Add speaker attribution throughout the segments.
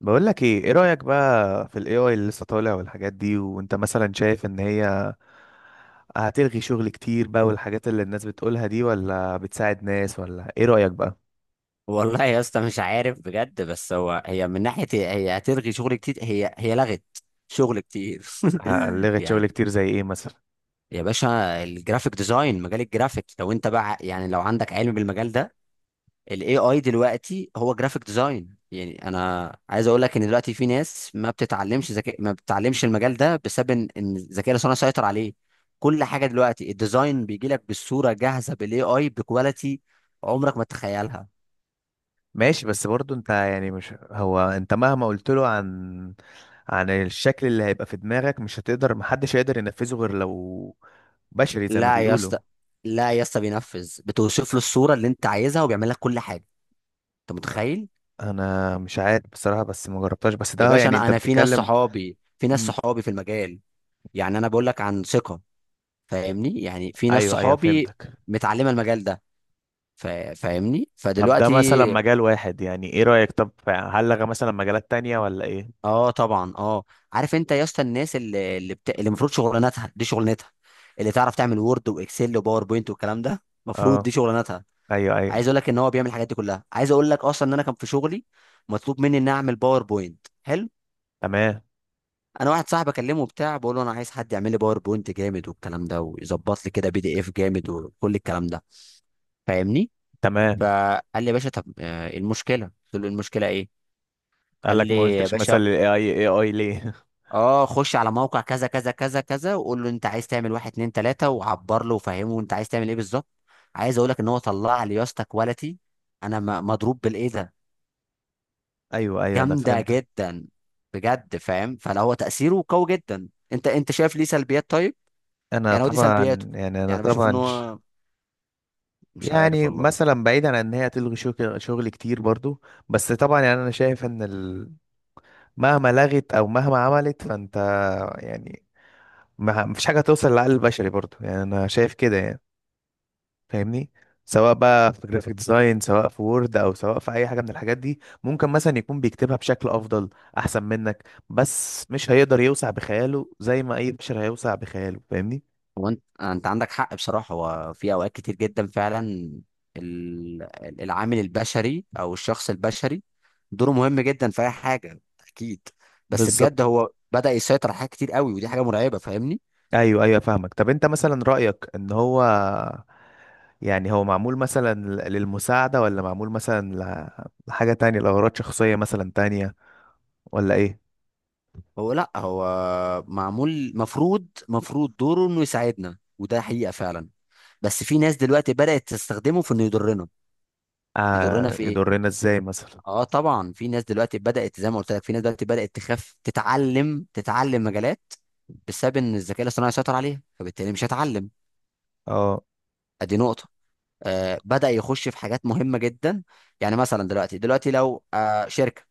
Speaker 1: بقول لك ايه رأيك بقى في الاي اي اللي لسه طالع والحاجات دي؟ وانت مثلا شايف ان هي هتلغي شغل كتير بقى والحاجات اللي الناس بتقولها دي، ولا بتساعد ناس؟ ولا ايه رأيك بقى؟
Speaker 2: والله يا اسطى، مش عارف بجد. بس هو هي من ناحيه هي هي هتلغي شغل كتير. هي لغت شغل كتير.
Speaker 1: لغت شغل
Speaker 2: يعني
Speaker 1: كتير زي ايه مثلا؟
Speaker 2: يا باشا، الجرافيك ديزاين، مجال الجرافيك، لو انت بقى يعني لو عندك علم بالمجال ده، الاي اي دلوقتي هو جرافيك ديزاين. يعني انا عايز اقول لك ان دلوقتي في ناس ما بتتعلمش ذكاء، ما بتتعلمش المجال ده بسبب ان الذكاء الاصطناعي سيطر عليه. كل حاجه دلوقتي، الديزاين بيجي لك بالصوره جاهزه بالاي اي بكواليتي عمرك ما تتخيلها.
Speaker 1: ماشي، بس برضو انت يعني مش هو انت مهما قلت له عن عن الشكل اللي هيبقى في دماغك، مش هتقدر محدش هيقدر ينفذه غير لو بشري زي ما
Speaker 2: لا يا
Speaker 1: بيقولوا.
Speaker 2: اسطى، لا يا اسطى، بينفذ. بتوصف له الصوره اللي انت عايزها وبيعمل لك كل حاجه. انت متخيل؟
Speaker 1: انا مش عارف بصراحة، بس ما جربتهاش، بس
Speaker 2: يا
Speaker 1: ده
Speaker 2: باشا،
Speaker 1: يعني
Speaker 2: انا
Speaker 1: انت
Speaker 2: انا في ناس
Speaker 1: بتتكلم.
Speaker 2: صحابي،
Speaker 1: مم،
Speaker 2: في المجال. يعني انا بقول لك عن ثقه. فاهمني؟ يعني في ناس
Speaker 1: ايوه ايوه،
Speaker 2: صحابي
Speaker 1: فهمتك.
Speaker 2: متعلمه المجال ده. فاهمني؟
Speaker 1: طب ده
Speaker 2: فدلوقتي،
Speaker 1: مثلا مجال واحد، يعني ايه رأيك؟ طب هل لغى مثلا مجالات تانية ولا ايه؟
Speaker 2: اه طبعا اه، عارف انت يا اسطى، الناس اللي المفروض شغلانتها دي، شغلانتها اللي تعرف تعمل وورد واكسل وباوربوينت والكلام ده، المفروض دي
Speaker 1: اه،
Speaker 2: شغلانتها.
Speaker 1: ايوه ايوه.
Speaker 2: عايز اقول لك ان هو بيعمل الحاجات دي كلها. عايز اقول لك اصلا ان انا كان في شغلي مطلوب مني ان اعمل باوربوينت حلو.
Speaker 1: تمام.
Speaker 2: انا واحد صاحبي اكلمه وبتاع، بقول له انا عايز حد يعمل لي باوربوينت جامد والكلام ده، ويظبط لي كده بي دي اف جامد وكل الكلام ده. فاهمني؟
Speaker 1: تمام.
Speaker 2: فقال لي يا باشا، طب إيه المشكله؟ قلت له، المشكله ايه؟ قال
Speaker 1: قال لك ما
Speaker 2: لي يا
Speaker 1: قلتش مثلا
Speaker 2: باشا،
Speaker 1: الاي اي إيه اي ليه؟
Speaker 2: اه خش على موقع كذا كذا كذا كذا، وقول له انت عايز تعمل واحد اتنين تلاته، وعبر له وفهمه انت عايز تعمل ايه بالظبط. عايز اقول لك ان هو طلع لي يا اسطى كواليتي، انا مضروب بالايه ده.
Speaker 1: ايوه ايوه، انا
Speaker 2: جامده
Speaker 1: فهمتك.
Speaker 2: جدا، بجد. فاهم؟ فلا، هو تاثيره قوي جدا. انت شايف ليه سلبيات؟ طيب،
Speaker 1: انا
Speaker 2: يعني هو دي سلبياته.
Speaker 1: طبعا يعني انا
Speaker 2: يعني بشوف ان
Speaker 1: طبعا ش-
Speaker 2: هو، مش عارف
Speaker 1: يعني
Speaker 2: والله.
Speaker 1: مثلا بعيدا عن ان هي تلغي شغل كتير برضو، بس طبعا يعني انا شايف ان مهما لغت او مهما عملت فانت يعني ما مفيش حاجة توصل للعقل البشري برضو، يعني انا شايف كده يعني، فاهمني؟ سواء بقى في جرافيك ديزاين، سواء في وورد، او سواء في اي حاجه من الحاجات دي، ممكن مثلا يكون بيكتبها بشكل افضل احسن منك، بس مش هيقدر يوسع بخياله زي ما اي بشر هيوسع بخياله، فاهمني؟
Speaker 2: هو انت عندك حق بصراحه. هو في اوقات كتير جدا فعلا، ال- العامل البشري او الشخص البشري، دوره مهم جدا في اي حاجه. اكيد. بس بجد
Speaker 1: بالظبط.
Speaker 2: هو بدا يسيطر على حاجات كتير قوي، ودي حاجه مرعبه. فاهمني؟
Speaker 1: ايوه ايوه، فاهمك. طب انت مثلا رايك ان هو يعني هو معمول مثلا للمساعده، ولا معمول مثلا لحاجه تانية لاغراض شخصيه مثلا تانية، ولا ايه؟
Speaker 2: هو لا، هو معمول، مفروض دوره انه يساعدنا، وده حقيقه فعلا. بس في ناس دلوقتي بدأت تستخدمه في انه يضرنا. يضرنا
Speaker 1: آه،
Speaker 2: في ايه؟
Speaker 1: يضرنا ازاي مثلا؟
Speaker 2: اه طبعا، في ناس دلوقتي بدأت، زي ما قلت لك، في ناس دلوقتي بدأت تخاف تتعلم، مجالات بسبب ان الذكاء الاصطناعي سيطر عليها، فبالتالي مش هتعلم.
Speaker 1: اه،
Speaker 2: ادي نقطة. بدأ يخش في حاجات مهمة جدا. يعني مثلا دلوقتي، لو شركة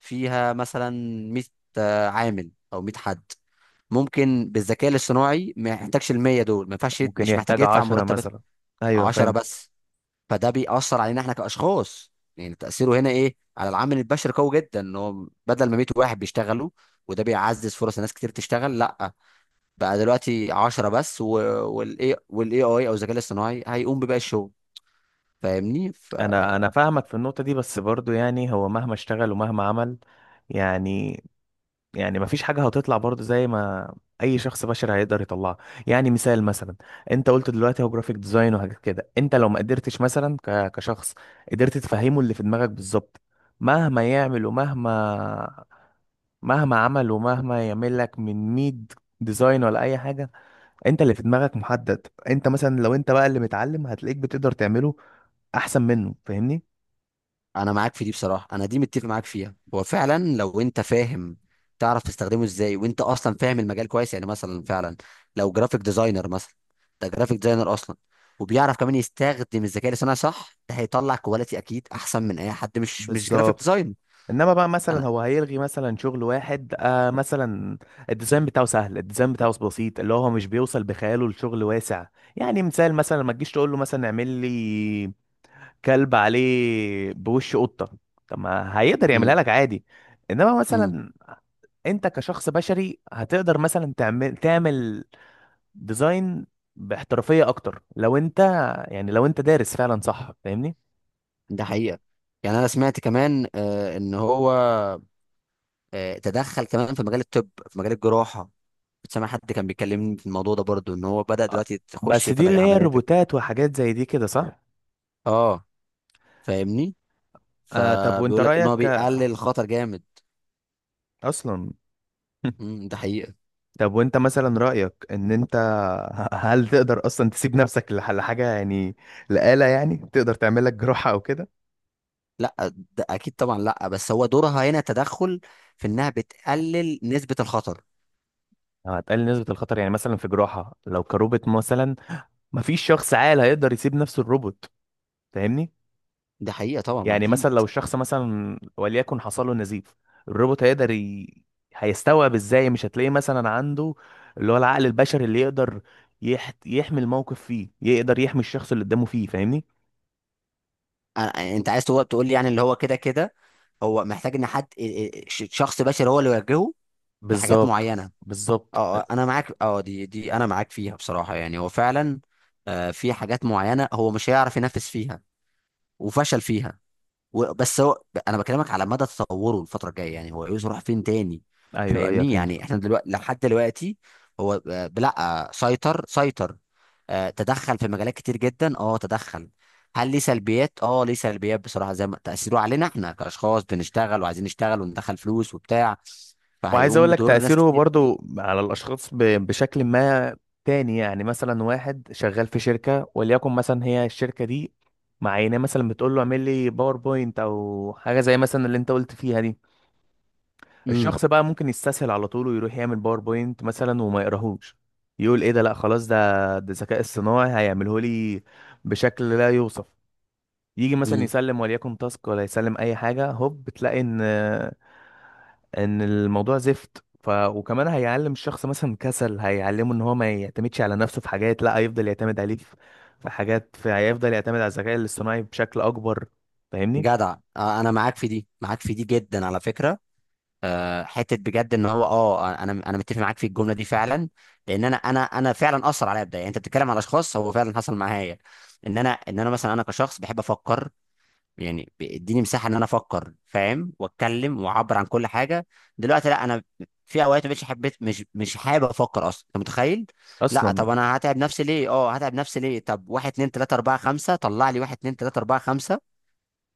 Speaker 2: فيها مثلا 100 عامل او 100 حد، ممكن بالذكاء الاصطناعي ما يحتاجش ال 100 دول. ما ينفعش
Speaker 1: ممكن
Speaker 2: مش محتاج
Speaker 1: يحتاج
Speaker 2: يدفع
Speaker 1: عشرة
Speaker 2: مرتبات.
Speaker 1: مثلا. ايوه
Speaker 2: 10
Speaker 1: فهمت.
Speaker 2: بس. فده بيأثر علينا احنا كأشخاص. يعني تأثيره هنا ايه على العامل البشري؟ قوي جدا، ان هو بدل ما 100 واحد بيشتغلوا وده بيعزز فرص ناس كتير تشتغل، لا، بقى دلوقتي 10 بس، والاي اي او الذكاء الاصطناعي هيقوم بباقي الشغل. فاهمني؟
Speaker 1: انا فاهمك في النقطه دي، بس برضو يعني هو مهما اشتغل ومهما عمل، يعني، يعني مفيش حاجه هتطلع برضو زي ما اي شخص بشري هيقدر يطلعها. يعني مثال مثلا، انت قلت دلوقتي هو جرافيك ديزاين وحاجات كده، انت لو ما قدرتش مثلا كشخص قدرت تفهمه اللي في دماغك بالظبط، مهما يعمل ومهما مهما عمل ومهما يعمل لك من ميد ديزاين ولا اي حاجه، انت اللي في دماغك محدد. انت مثلا لو انت بقى اللي متعلم هتلاقيك بتقدر تعمله احسن منه، فاهمني؟
Speaker 2: انا معاك في دي بصراحه، انا دي متفق معاك فيها. هو فعلا لو انت فاهم، تعرف تستخدمه ازاي، وانت اصلا فاهم المجال كويس، يعني مثلا فعلا، لو جرافيك ديزاينر مثلا، ده جرافيك ديزاينر اصلا وبيعرف كمان يستخدم الذكاء الاصطناعي صح، ده هيطلع كواليتي اكيد احسن من اي حد مش جرافيك
Speaker 1: بالظبط.
Speaker 2: ديزاين.
Speaker 1: انما بقى
Speaker 2: انا
Speaker 1: مثلا هو هيلغي مثلا شغل واحد آه مثلا الديزاين بتاعه سهل، الديزاين بتاعه بسيط، اللي هو مش بيوصل بخياله لشغل واسع. يعني مثال مثلا، ما تجيش تقول له مثلا اعمل لي كلب عليه بوش قطة، طب ما هيقدر يعملها
Speaker 2: امم
Speaker 1: لك عادي. انما
Speaker 2: امم
Speaker 1: مثلا انت كشخص بشري هتقدر مثلا تعمل ديزاين باحترافية اكتر لو انت يعني لو انت دارس فعلا صح، فاهمني؟
Speaker 2: ده حقيقه. يعني انا سمعت كمان ان هو تدخل كمان في مجال الطب، في مجال الجراحه. كنت سامع حد كان بيكلمني في الموضوع ده برضو، ان هو بدأ
Speaker 1: آه،
Speaker 2: دلوقتي تخش
Speaker 1: بس
Speaker 2: في
Speaker 1: دي اللي هي
Speaker 2: العمليات.
Speaker 1: الروبوتات وحاجات زي دي كده صح؟
Speaker 2: اه، فاهمني؟
Speaker 1: آه، طب وانت
Speaker 2: فبيقول لك ان هو
Speaker 1: رأيك آه،
Speaker 2: بيقلل الخطر جامد.
Speaker 1: اصلا.
Speaker 2: ده حقيقة.
Speaker 1: طب وانت مثلا رأيك ان انت هل تقدر اصلا تسيب نفسك لحاجة، يعني لآلة، يعني تقدر تعمل لك جراحة او كده؟
Speaker 2: لا، ده اكيد طبعا لا. بس هو دورها هنا تدخل في انها بتقلل نسبة الخطر.
Speaker 1: لو هتقلل نسبة الخطر، يعني مثلا في جراحة لو كروبوت مثلا، مفيش شخص عاقل هيقدر يسيب نفسه الروبوت، فاهمني؟
Speaker 2: ده حقيقة طبعا، ما
Speaker 1: يعني
Speaker 2: اكيد.
Speaker 1: مثلا لو الشخص مثلا وليكن حصل له نزيف، الروبوت هيقدر هيستوعب ازاي؟ مش هتلاقيه مثلا عنده اللي هو العقل البشري اللي يقدر يحمي الموقف فيه، يقدر يحمي الشخص اللي قدامه فيه، فاهمني؟
Speaker 2: انت عايز تقول لي، يعني اللي هو كده كده، هو محتاج ان حد، شخص بشري هو اللي يوجهه في حاجات
Speaker 1: بالظبط
Speaker 2: معينة.
Speaker 1: بالظبط.
Speaker 2: اه انا معاك. اه دي انا معاك فيها بصراحة. يعني هو فعلا في حاجات معينة هو مش هيعرف ينفذ فيها وفشل فيها. بس هو، انا بكلمك على مدى تطوره الفتره الجايه، يعني هو عايز يروح فين تاني.
Speaker 1: ايوه ايوه،
Speaker 2: فاهمني؟
Speaker 1: فهمت.
Speaker 2: يعني احنا دلوقتي، لحد دلوقتي، هو لا، سيطر. تدخل في مجالات كتير جدا، اه تدخل. هل ليه سلبيات؟ اه، ليه سلبيات بصراحه. زي ما تاثيره علينا احنا كاشخاص بنشتغل وعايزين نشتغل وندخل فلوس وبتاع،
Speaker 1: وعايز
Speaker 2: فهيقوم
Speaker 1: اقول لك
Speaker 2: بدور ناس
Speaker 1: تأثيره
Speaker 2: كتير.
Speaker 1: برضو على الاشخاص بشكل ما تاني، يعني مثلا واحد شغال في شركة، وليكن مثلا هي الشركة دي معينة مثلا بتقول له اعمل لي باوربوينت او حاجة زي مثلا اللي انت قلت فيها دي،
Speaker 2: امم
Speaker 1: الشخص بقى ممكن يستسهل على طول ويروح يعمل باوربوينت مثلا وما يقراهوش، يقول ايه ده، لا خلاص ده، ده الذكاء الصناعي هيعمله لي بشكل لا يوصف. يجي مثلا
Speaker 2: امم
Speaker 1: يسلم وليكن تاسك ولا يسلم اي حاجة، هوب بتلاقي ان ان الموضوع زفت. ف وكمان هيعلم الشخص مثلا كسل، هيعلمه ان هو ما يعتمدش على نفسه في حاجات، لا هيفضل يعتمد عليه في في حاجات في هيفضل يعتمد على الذكاء الاصطناعي بشكل اكبر، فاهمني؟
Speaker 2: جدع. انا معاك في دي، معاك في دي جدا على فكره. حته بجد ان هو، اه انا متفق معاك في الجمله دي فعلا. لان انا فعلا اثر عليا بدايه. يعني انت بتتكلم على اشخاص، هو فعلا حصل معايا ان انا مثلا، انا كشخص بحب افكر. يعني بيديني مساحه ان انا افكر، فاهم؟ واتكلم واعبر عن كل حاجه. دلوقتي لا، انا في اوقات مش حبيت مش مش حابب افكر اصلا. انت متخيل؟ لا،
Speaker 1: اصلا.
Speaker 2: طب انا هتعب نفسي ليه؟ اه، هتعب نفسي ليه؟ طب، واحد اتنين تلاته اربعه خمسه، طلع لي واحد اتنين تلاته اربعه خمسه،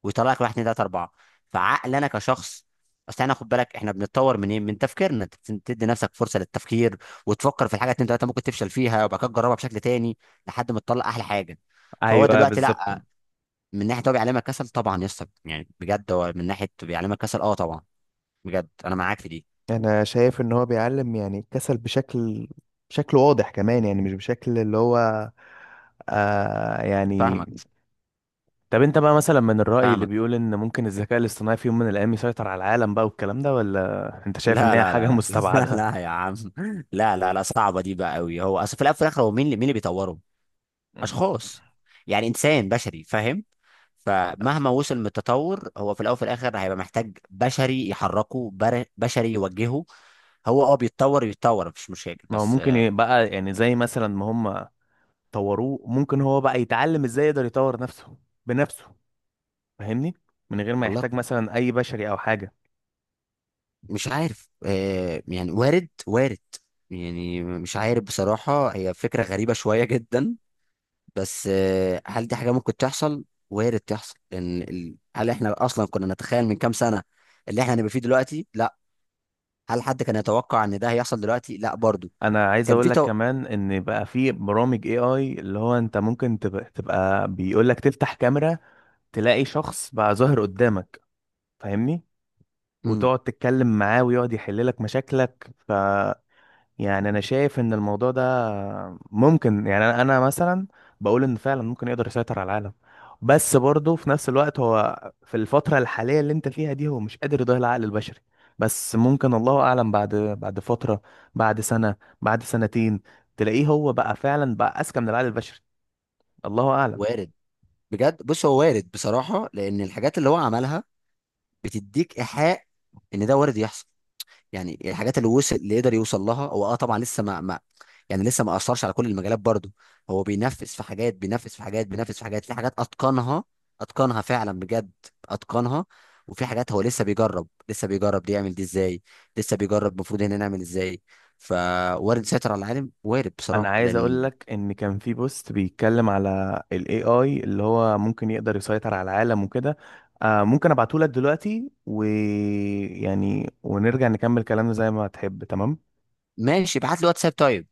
Speaker 2: ويطلع لك واحد اتنين تلاته اربعه. فعقل انا كشخص، اصل احنا، خد بالك، احنا بنتطور منين؟ من تفكيرنا. تدي نفسك فرصه للتفكير، وتفكر في الحاجه اتنين تلاته، ممكن تفشل فيها وبعد كده تجربها بشكل تاني لحد ما تطلع احلى حاجه. فهو
Speaker 1: ايوه
Speaker 2: دلوقتي
Speaker 1: بالظبط.
Speaker 2: لا، من ناحيه هو بيعلمك كسل. طبعا يا اسطى، يعني بجد هو من ناحيه بيعلمك كسل، اه طبعا، بجد انا معاك في دي.
Speaker 1: انا شايف ان هو بيعلم يعني الكسل بشكل بشكل واضح كمان، يعني مش بشكل اللي هو آه يعني.
Speaker 2: فاهمك،
Speaker 1: طب انت بقى مثلا من الرأي اللي
Speaker 2: فاهمك.
Speaker 1: بيقول ان ممكن الذكاء الاصطناعي في يوم من الايام يسيطر على العالم بقى والكلام ده، ولا انت شايف ان
Speaker 2: لا
Speaker 1: هي
Speaker 2: لا
Speaker 1: حاجة
Speaker 2: لا لا، لا لا يا عم، لا لا لا، صعبه دي بقى قوي. هو اصل في الاول وفي الاخر، هو مين اللي بيطوره؟
Speaker 1: مستبعدة؟
Speaker 2: اشخاص، يعني انسان بشري، فاهم؟ فمهما وصل من التطور، هو في الاول وفي الاخر هيبقى محتاج بشري يحركه، بشري يوجهه. هو اه، بيتطور يتطور، مفيش مشاكل.
Speaker 1: ما هو
Speaker 2: بس
Speaker 1: ممكن يبقى يعني زي مثلا ما هم طوروه، ممكن هو بقى يتعلم ازاي يقدر يطور نفسه بنفسه، فاهمني؟ من غير ما
Speaker 2: والله
Speaker 1: يحتاج مثلا اي بشري او حاجه.
Speaker 2: مش عارف. يعني وارد وارد. يعني مش عارف بصراحة، هي فكرة غريبة شوية جدا. بس هل دي حاجة ممكن تحصل؟ وارد تحصل. ان هل احنا اصلا كنا نتخيل من كام سنة اللي احنا هنبقى فيه دلوقتي؟ لا. هل حد كان يتوقع ان ده هيحصل دلوقتي؟ لا برضو.
Speaker 1: انا عايز
Speaker 2: كان
Speaker 1: اقول لك كمان ان بقى في برامج اي اي اللي هو انت ممكن تبقى بيقول لك تفتح كاميرا، تلاقي شخص بقى ظاهر قدامك، فاهمني؟
Speaker 2: مم.
Speaker 1: وتقعد تتكلم معاه ويقعد يحل لك مشاكلك. يعني انا شايف ان الموضوع ده ممكن يعني انا مثلا بقول ان فعلا ممكن يقدر يسيطر على العالم، بس برضه في نفس الوقت هو في الفترة الحالية اللي انت فيها دي هو مش قادر يضاهي العقل البشري. بس ممكن الله اعلم بعد بعد فترة، بعد سنة، بعد سنتين، تلاقيه هو بقى فعلا بقى اذكى من العقل البشري، الله اعلم.
Speaker 2: وارد، بجد. بص، هو وارد بصراحة، لأن الحاجات اللي هو عملها بتديك إيحاء إن ده وارد يحصل. يعني الحاجات اللي وصل، اللي يقدر يوصل لها هو، اه طبعا لسه ما، يعني لسه ما أثرش على كل المجالات برضه. هو بينفذ في حاجات، بينفذ في حاجات، بينفذ في حاجات، في حاجات أتقنها، أتقنها فعلا بجد، أتقنها. وفي حاجات هو لسه بيجرب دي يعمل دي ازاي، لسه بيجرب المفروض هنا نعمل ازاي. فوارد سيطر على العالم، وارد
Speaker 1: انا
Speaker 2: بصراحة
Speaker 1: عايز اقول
Speaker 2: لأن.
Speaker 1: لك ان كان في بوست بيتكلم على الاي اي اللي هو ممكن يقدر يسيطر على العالم وكده، آه ممكن ابعته لك دلوقتي ويعني ونرجع نكمل كلامنا زي ما تحب، تمام؟
Speaker 2: ماشي، ابعت لي واتساب، طيب.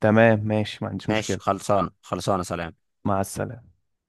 Speaker 1: تمام ماشي، ما عنديش
Speaker 2: ماشي،
Speaker 1: مشكلة.
Speaker 2: خلصانه خلصانه، سلام.
Speaker 1: مع السلامة.